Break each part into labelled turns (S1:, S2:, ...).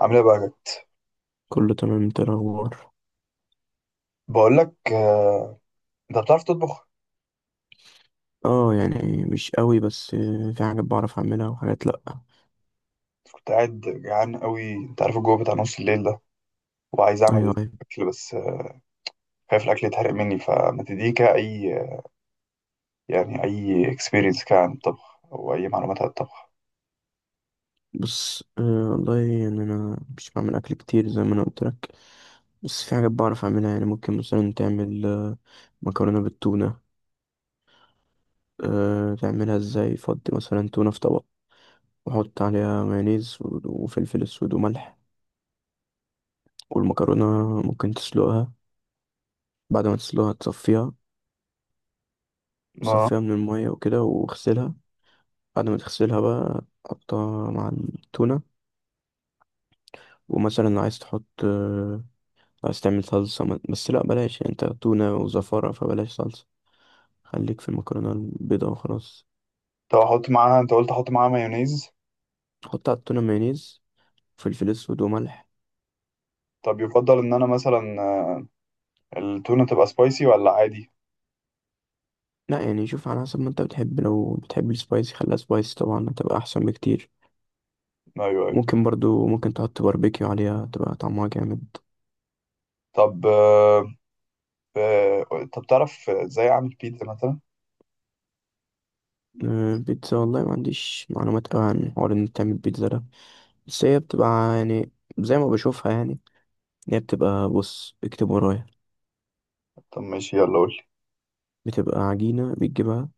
S1: عامل ايه بقى يا جد؟
S2: كله تمام، انت إيه الاخبار؟
S1: بقول لك، انت بتعرف تطبخ؟
S2: اه يعني مش قوي، بس في حاجات بعرف اعملها وحاجات لا.
S1: كنت قاعد جعان قوي، انت عارف الجو بتاع نص الليل ده، وعايز
S2: ايوه
S1: اعمل
S2: ايوه.
S1: اكل، بس خايف الاكل يتحرق مني، فما تديني كده اي يعني اي اكسبيرينس كده عن الطبخ او اي معلومات عن الطبخ.
S2: بص، والله يعني انا مش بعمل اكل كتير زي ما انا قلت لك. بس في حاجات بعرف اعملها، يعني ممكن مثلا تعمل مكرونه بالتونه. أه تعملها ازاي؟ فضي مثلا تونه في طبق، وحط عليها مايونيز وفلفل اسود وملح. والمكرونه ممكن تسلقها. بعد ما تسلقها تصفيها
S1: ما.
S2: تصفيها من الميه وكده واغسلها. بعد ما تغسلها بقى حطها مع التونه. ومثلا عايز تحط عايز تعمل صلصة بس لا بلاش، يعني انت تونة وزفارة فبلاش صلصة. خليك في المكرونة البيضاء وخلاص.
S1: طب احط معاها، انت قلت احط معاها مايونيز؟
S2: تحط على التونة مايونيز، فلفل اسود وملح.
S1: طب يفضل ان انا مثلا التونه تبقى سبايسي ولا عادي؟
S2: لا يعني شوف على حسب ما انت بتحب، لو بتحب السبايسي خليها سبايسي، طبعا هتبقى احسن بكتير.
S1: ايوه، ايوه.
S2: ممكن برضو ممكن تحط باربيكيو عليها تبقى طعمها جامد.
S1: طب. طب تعرف ازاي اعمل بيتزا مثلا؟
S2: بيتزا، والله ما عنديش معلومات قوي عن حوار ان انت تعمل بيتزا ده. بس هي بتبقى، يعني زي ما بشوفها يعني، هي بتبقى. بص اكتب ورايا.
S1: طب ماشي، يلا قول
S2: بتبقى عجينة بتجيبها،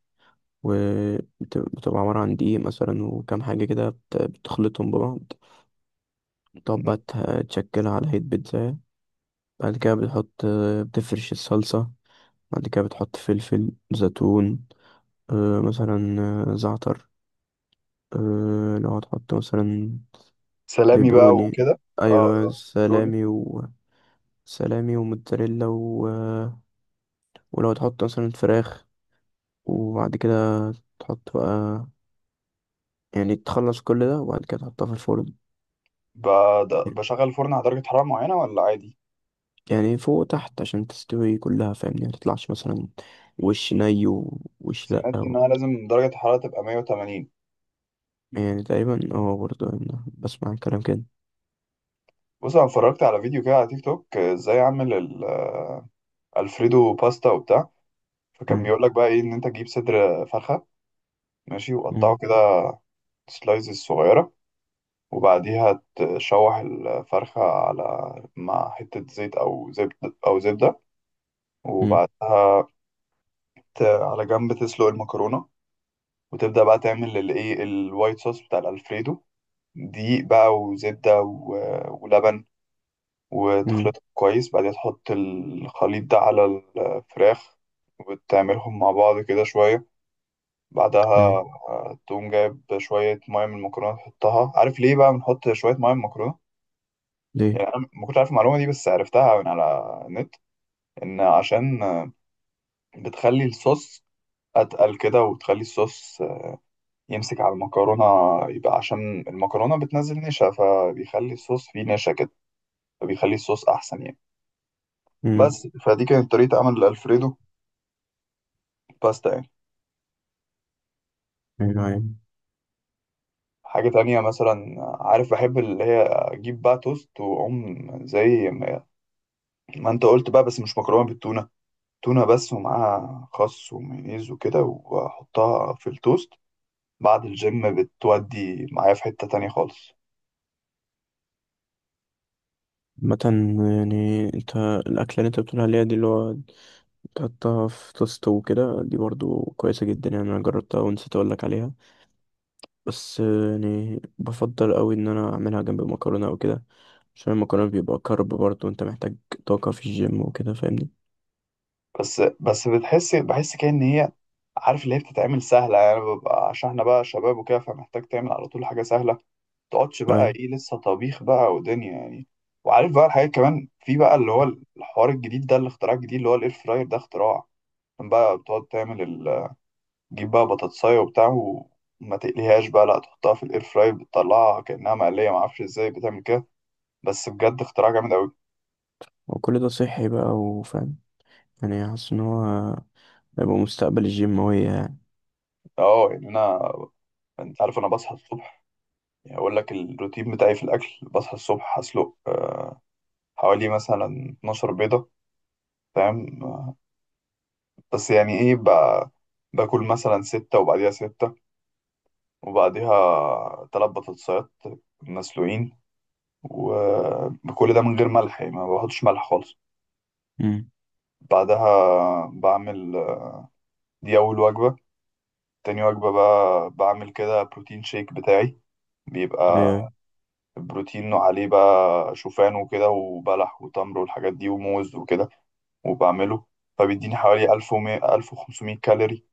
S2: وبتبقى عبارة عن دقيق مثلا وكام حاجة كده، بتخلطهم ببعض. تقعد
S1: لي.
S2: بقى تشكلها على هيئة بيتزا. بعد كده بتحط، بتفرش الصلصة. بعد كده بتحط فلفل، زيتون مثلا، زعتر، لو هتحط مثلا
S1: سلامي بقى
S2: بيبروني.
S1: وكده. اه.
S2: أيوة
S1: آه.
S2: سلامي و سلامي وموتزاريلا و ولو تحط مثلا فراخ، وبعد كده تحط بقى، يعني تخلص كل ده وبعد كده تحطها في الفرن.
S1: بشغل الفرن على درجة حرارة معينة ولا عادي؟
S2: يعني فوق وتحت عشان تستوي كلها فاهمني، ما تطلعش مثلا وش ني ووش لأ
S1: سمعت إن
S2: أو.
S1: أنا لازم درجة الحرارة تبقى 180.
S2: يعني تقريبا اه، برضه أنا بسمع الكلام كده.
S1: بص، أنا اتفرجت على فيديو كده على تيك توك، إزاي أعمل الفريدو باستا وبتاع. فكان
S2: مم.
S1: بيقول لك بقى إيه، إن أنت تجيب صدر فرخة، ماشي،
S2: مم.
S1: وقطعه كده سلايزز صغيرة، وبعديها تشوح الفرخة على مع حتة زيت أو زبدة أو زبدة.
S2: مم.
S1: وبعدها على جنب تسلق المكرونة، وتبدأ بقى تعمل الإيه الوايت صوص بتاع الألفريدو، دقيق بقى وزبدة ولبن،
S2: مم.
S1: وتخلطهم كويس. بعدين تحط الخليط ده على الفراخ، وتعملهم مع بعض كده شوية. بعدها
S2: أيوة.
S1: تقوم جايب شوية مية من المكرونة تحطها. عارف ليه بقى بنحط شوية مية من المكرونة؟
S2: ليه؟
S1: يعني أنا ما كنتش عارف المعلومة دي، بس عرفتها من على النت، إن عشان بتخلي الصوص أتقل كده، وتخلي الصوص يمسك على المكرونة. يبقى عشان المكرونة بتنزل نشا، فبيخلي الصوص فيه نشا كده، فبيخلي الصوص أحسن يعني.
S2: مم.
S1: بس فدي كانت طريقة عمل الألفريدو باستا يعني.
S2: أيوة أيوة.
S1: حاجة تانية مثلا، عارف بحب اللي هي أجيب بقى توست وأقوم زي ما أنت قلت بقى، بس مش مكرونة بالتونة، تونة بس ومعاها خس ومايونيز وكده، وأحطها في التوست بعد الجيم، بتودي معايا في حتة تانية خالص.
S2: مثلا، يعني انت الأكلة اللي انت بتقول عليها دي اللي هو تحطها في توست وكده دي برضه كويسة جدا، يعني أنا جربتها ونسيت أقولك عليها. بس يعني بفضل أوي إن أنا أعملها جنب المكرونة أو كده، عشان المكرونة بيبقى كارب، برضه انت محتاج طاقة في الجيم وكده فاهمني.
S1: بس بتحس بحس كده إن هي، عارف اللي هي بتتعمل سهلة يعني، ببقى عشان احنا بقى شباب وكده، فمحتاج تعمل على طول حاجة سهلة، متقعدش بقى
S2: أيوة.
S1: ايه لسه طبيخ بقى ودنيا يعني. وعارف بقى الحاجات كمان، في بقى اللي هو الحوار الجديد ده، الاختراع الجديد اللي هو الاير فراير. ده اختراع! كان بقى بتقعد تعمل تجيب بقى بطاطساية وبتاع وما تقليهاش بقى، لا تحطها في الاير فراير، بتطلعها كأنها مقلية. معرفش ازاي بتعمل كده، بس بجد اختراع جامد أوي.
S2: وكل ده صحي بقى وفاهم، يعني حاسس إن هو هيبقى مستقبل الجيم هو يعني.
S1: اه يعني انا، انت عارف انا بصحى الصبح، يعني اقول لك الروتين بتاعي في الاكل. بصحى الصبح هسلق حوالي مثلا 12 بيضة، فاهم؟ بس يعني ايه بقى، باكل مثلا ستة وبعديها ستة، وبعديها تلات بطاطسات مسلوقين، وكل ده من غير ملح يعني، ما بحطش ملح خالص.
S2: أمم.
S1: بعدها بعمل، دي أول وجبة. تاني وجبة بقى بعمل كده بروتين شيك بتاعي، بيبقى
S2: أيوة.
S1: البروتين عليه بقى شوفان وكده وبلح وتمر والحاجات دي وموز وكده، وبعمله. فبيديني حوالي 1000 1500 كالوري،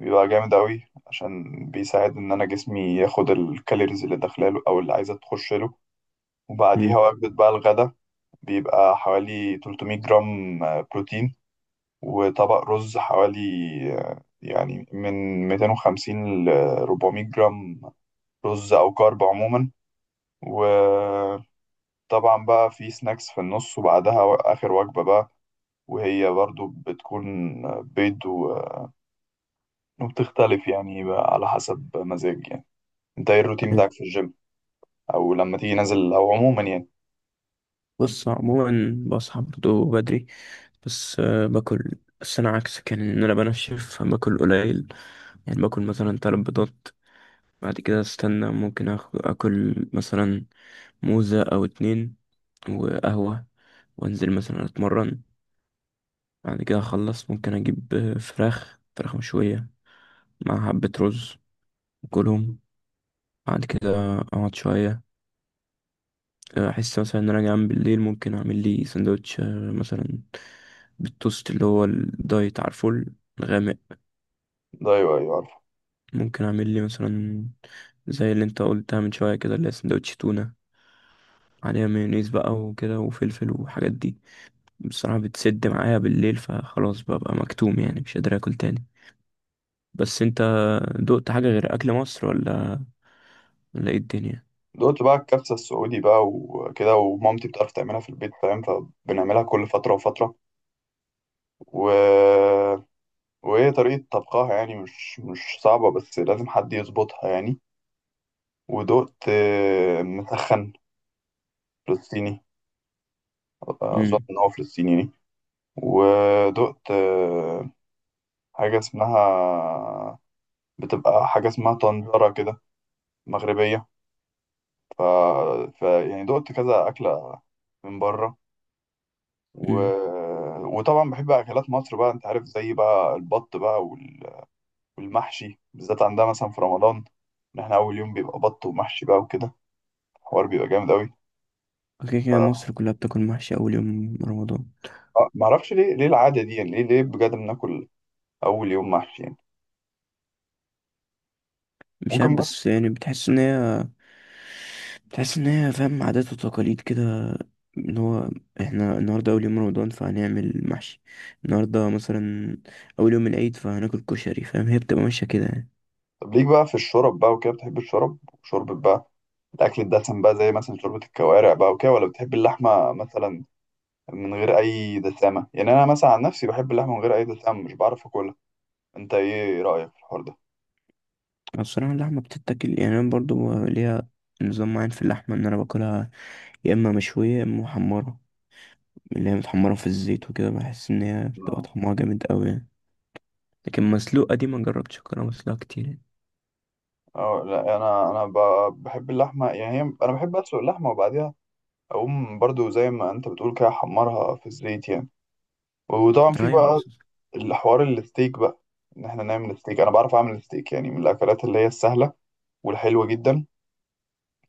S1: بيبقى جامد أوي عشان بيساعد إن أنا جسمي ياخد الكالوريز اللي داخلاله أو اللي عايزة تخش له. وبعديها
S2: أمم.
S1: وجبة بقى الغدا، بيبقى حوالي 300 جرام بروتين، وطبق رز حوالي يعني من 250 ل 400 جرام رز أو كارب عموما. وطبعا بقى في سناكس في النص، وبعدها آخر وجبة بقى، وهي برضو بتكون بيض وبتختلف يعني بقى على حسب مزاج يعني. انت ايه الروتين
S2: أيوة.
S1: بتاعك في الجيم، او لما تيجي نازل، او عموما يعني؟
S2: بص عموما بصحى برضه بدري. بس باكل، بس أنا عكسك يعني إن أنا بنشف باكل قليل. يعني باكل مثلا 3 بيضات. بعد كده أستنى، ممكن آكل مثلا موزة أو 2، وقهوة، وأنزل مثلا أتمرن. بعد كده أخلص، ممكن أجيب فراخ مشوية مع حبة رز وكلهم. بعد كده اقعد شويه، احس مثلا ان انا جعان بالليل ممكن اعمل لي سندوتش، مثلا بالتوست اللي هو الدايت، عارفه، الغامق.
S1: ده؟ ايوه، ايوه عارفه.
S2: ممكن اعمل لي مثلا زي اللي انت قلتها من شويه كده، اللي هي سندوتش تونه عليها مايونيز بقى وكده وفلفل والحاجات دي. بصراحه بتسد معايا بالليل فخلاص ببقى مكتوم، يعني مش قادر اكل تاني. بس انت دقت حاجه غير اكل مصر؟ ولا ايه الدنيا؟
S1: دلوقتي بقى الكبسه السعودي بقى وكده، ومامتي بتعرف تعملها في البيت فاهم، فبنعملها كل فتره وفتره. و... وهي طريقه طبخها يعني مش صعبه، بس لازم حد يظبطها يعني. ودقت مسخن فلسطيني، اظن
S2: امم.
S1: ان هو فلسطيني يعني. ودقت حاجه اسمها، بتبقى حاجه اسمها طنجره كده مغربيه. ف... ف يعني دقت كذا اكله من بره. و...
S2: امم.
S1: وطبعا بحب اكلات مصر بقى، انت عارف زي بقى البط بقى والمحشي بالذات. عندها مثلا في رمضان ان احنا اول يوم بيبقى بط ومحشي بقى وكده، الحوار بيبقى جامد قوي.
S2: كده كده
S1: ف...
S2: مصر كلها بتاكل محشي اول يوم رمضان.
S1: آه، معرفش ليه العاده دي يعني، ليه بجد بناكل اول يوم محشي يعني؟
S2: مش عارف،
S1: ممكن بس.
S2: بس يعني بتحس ان هي فاهم، عادات وتقاليد كده، ان هو احنا النهارده اول يوم رمضان فهنعمل محشي. النهارده مثلا اول يوم العيد فهناكل كشري، فاهم، هي بتبقى ماشيه كده يعني.
S1: طب ليك بقى في الشرب بقى وكده، بتحب الشرب شوربة بقى، الأكل الدسم بقى زي مثلا شوربة الكوارع بقى وكده، ولا بتحب اللحمة مثلا من غير أي دسامة؟ يعني أنا مثلا عن نفسي بحب اللحمة من غير أي دسامة، مش بعرف أكلها. أنت إيه رأيك في الحوار
S2: أنا الصراحه اللحمه بتتاكل، يعني انا برضو ليها نظام معين في اللحمه ان انا باكلها، يا اما مشويه يا اما محمره. اللي هي متحمره في الزيت وكده، بحس ان هي
S1: ده؟
S2: بتبقى طعمها جامد قوي يعني. لكن مسلوقه دي ما جربتش اكلها مسلوقه كتير يعني.
S1: اه لا، انا بحب اللحمه يعني، هي انا بحب اسلق اللحمه وبعديها اقوم برضو زي ما انت بتقول كده، احمرها في الزيت يعني. وطبعا في
S2: ايوه.
S1: بقى الحوار الستيك بقى، ان احنا نعمل ستيك. انا بعرف اعمل ستيك، يعني من الاكلات اللي هي السهله والحلوه جدا،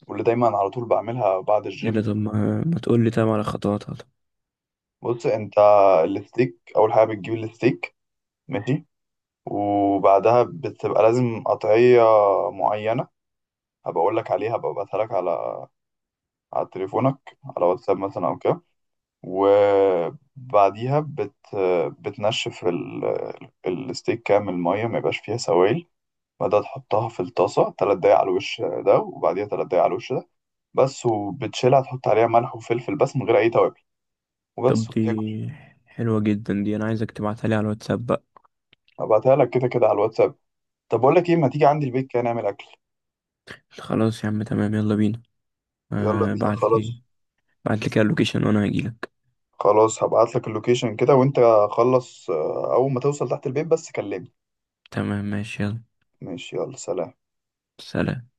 S1: واللي دايما على طول بعملها بعد
S2: ايه ده،
S1: الجيم.
S2: طب ما تقول لي طب على خطواتها طب.
S1: بص انت، الستيك اول حاجه بتجيب الستيك ماشي، وبعدها بتبقى لازم قطعيه معينه، هبقى اقول لك عليها، هبقى ابعتها لك على تليفونك على واتساب مثلا او كده. وبعديها بتنشف الستيك كامل مية، ما يبقاش فيها سوائل. بعدها تحطها في الطاسة تلات دقايق على الوش ده، وبعديها تلات دقايق على الوش ده بس، وبتشيلها تحط عليها ملح وفلفل بس من غير أي توابل
S2: طب
S1: وبس،
S2: دي
S1: وبتاكل.
S2: حلوة جدا دي، انا عايزك تبعتها لي على الواتساب بقى.
S1: هبعتها لك كده كده على الواتساب. طب بقول لك إيه، ما تيجي عندي البيت كده نعمل أكل؟
S2: خلاص يا عم، تمام، يلا بينا.
S1: يلا
S2: آه
S1: بينا
S2: بعت لي.
S1: خلاص.
S2: بعت لي كده اللوكيشن وانا هجيلك.
S1: خلاص هبعت لك اللوكيشن كده، وأنت خلص أول ما توصل تحت البيت بس كلمني.
S2: تمام، ماشي، يلا
S1: ماشي، يلا سلام.
S2: سلام.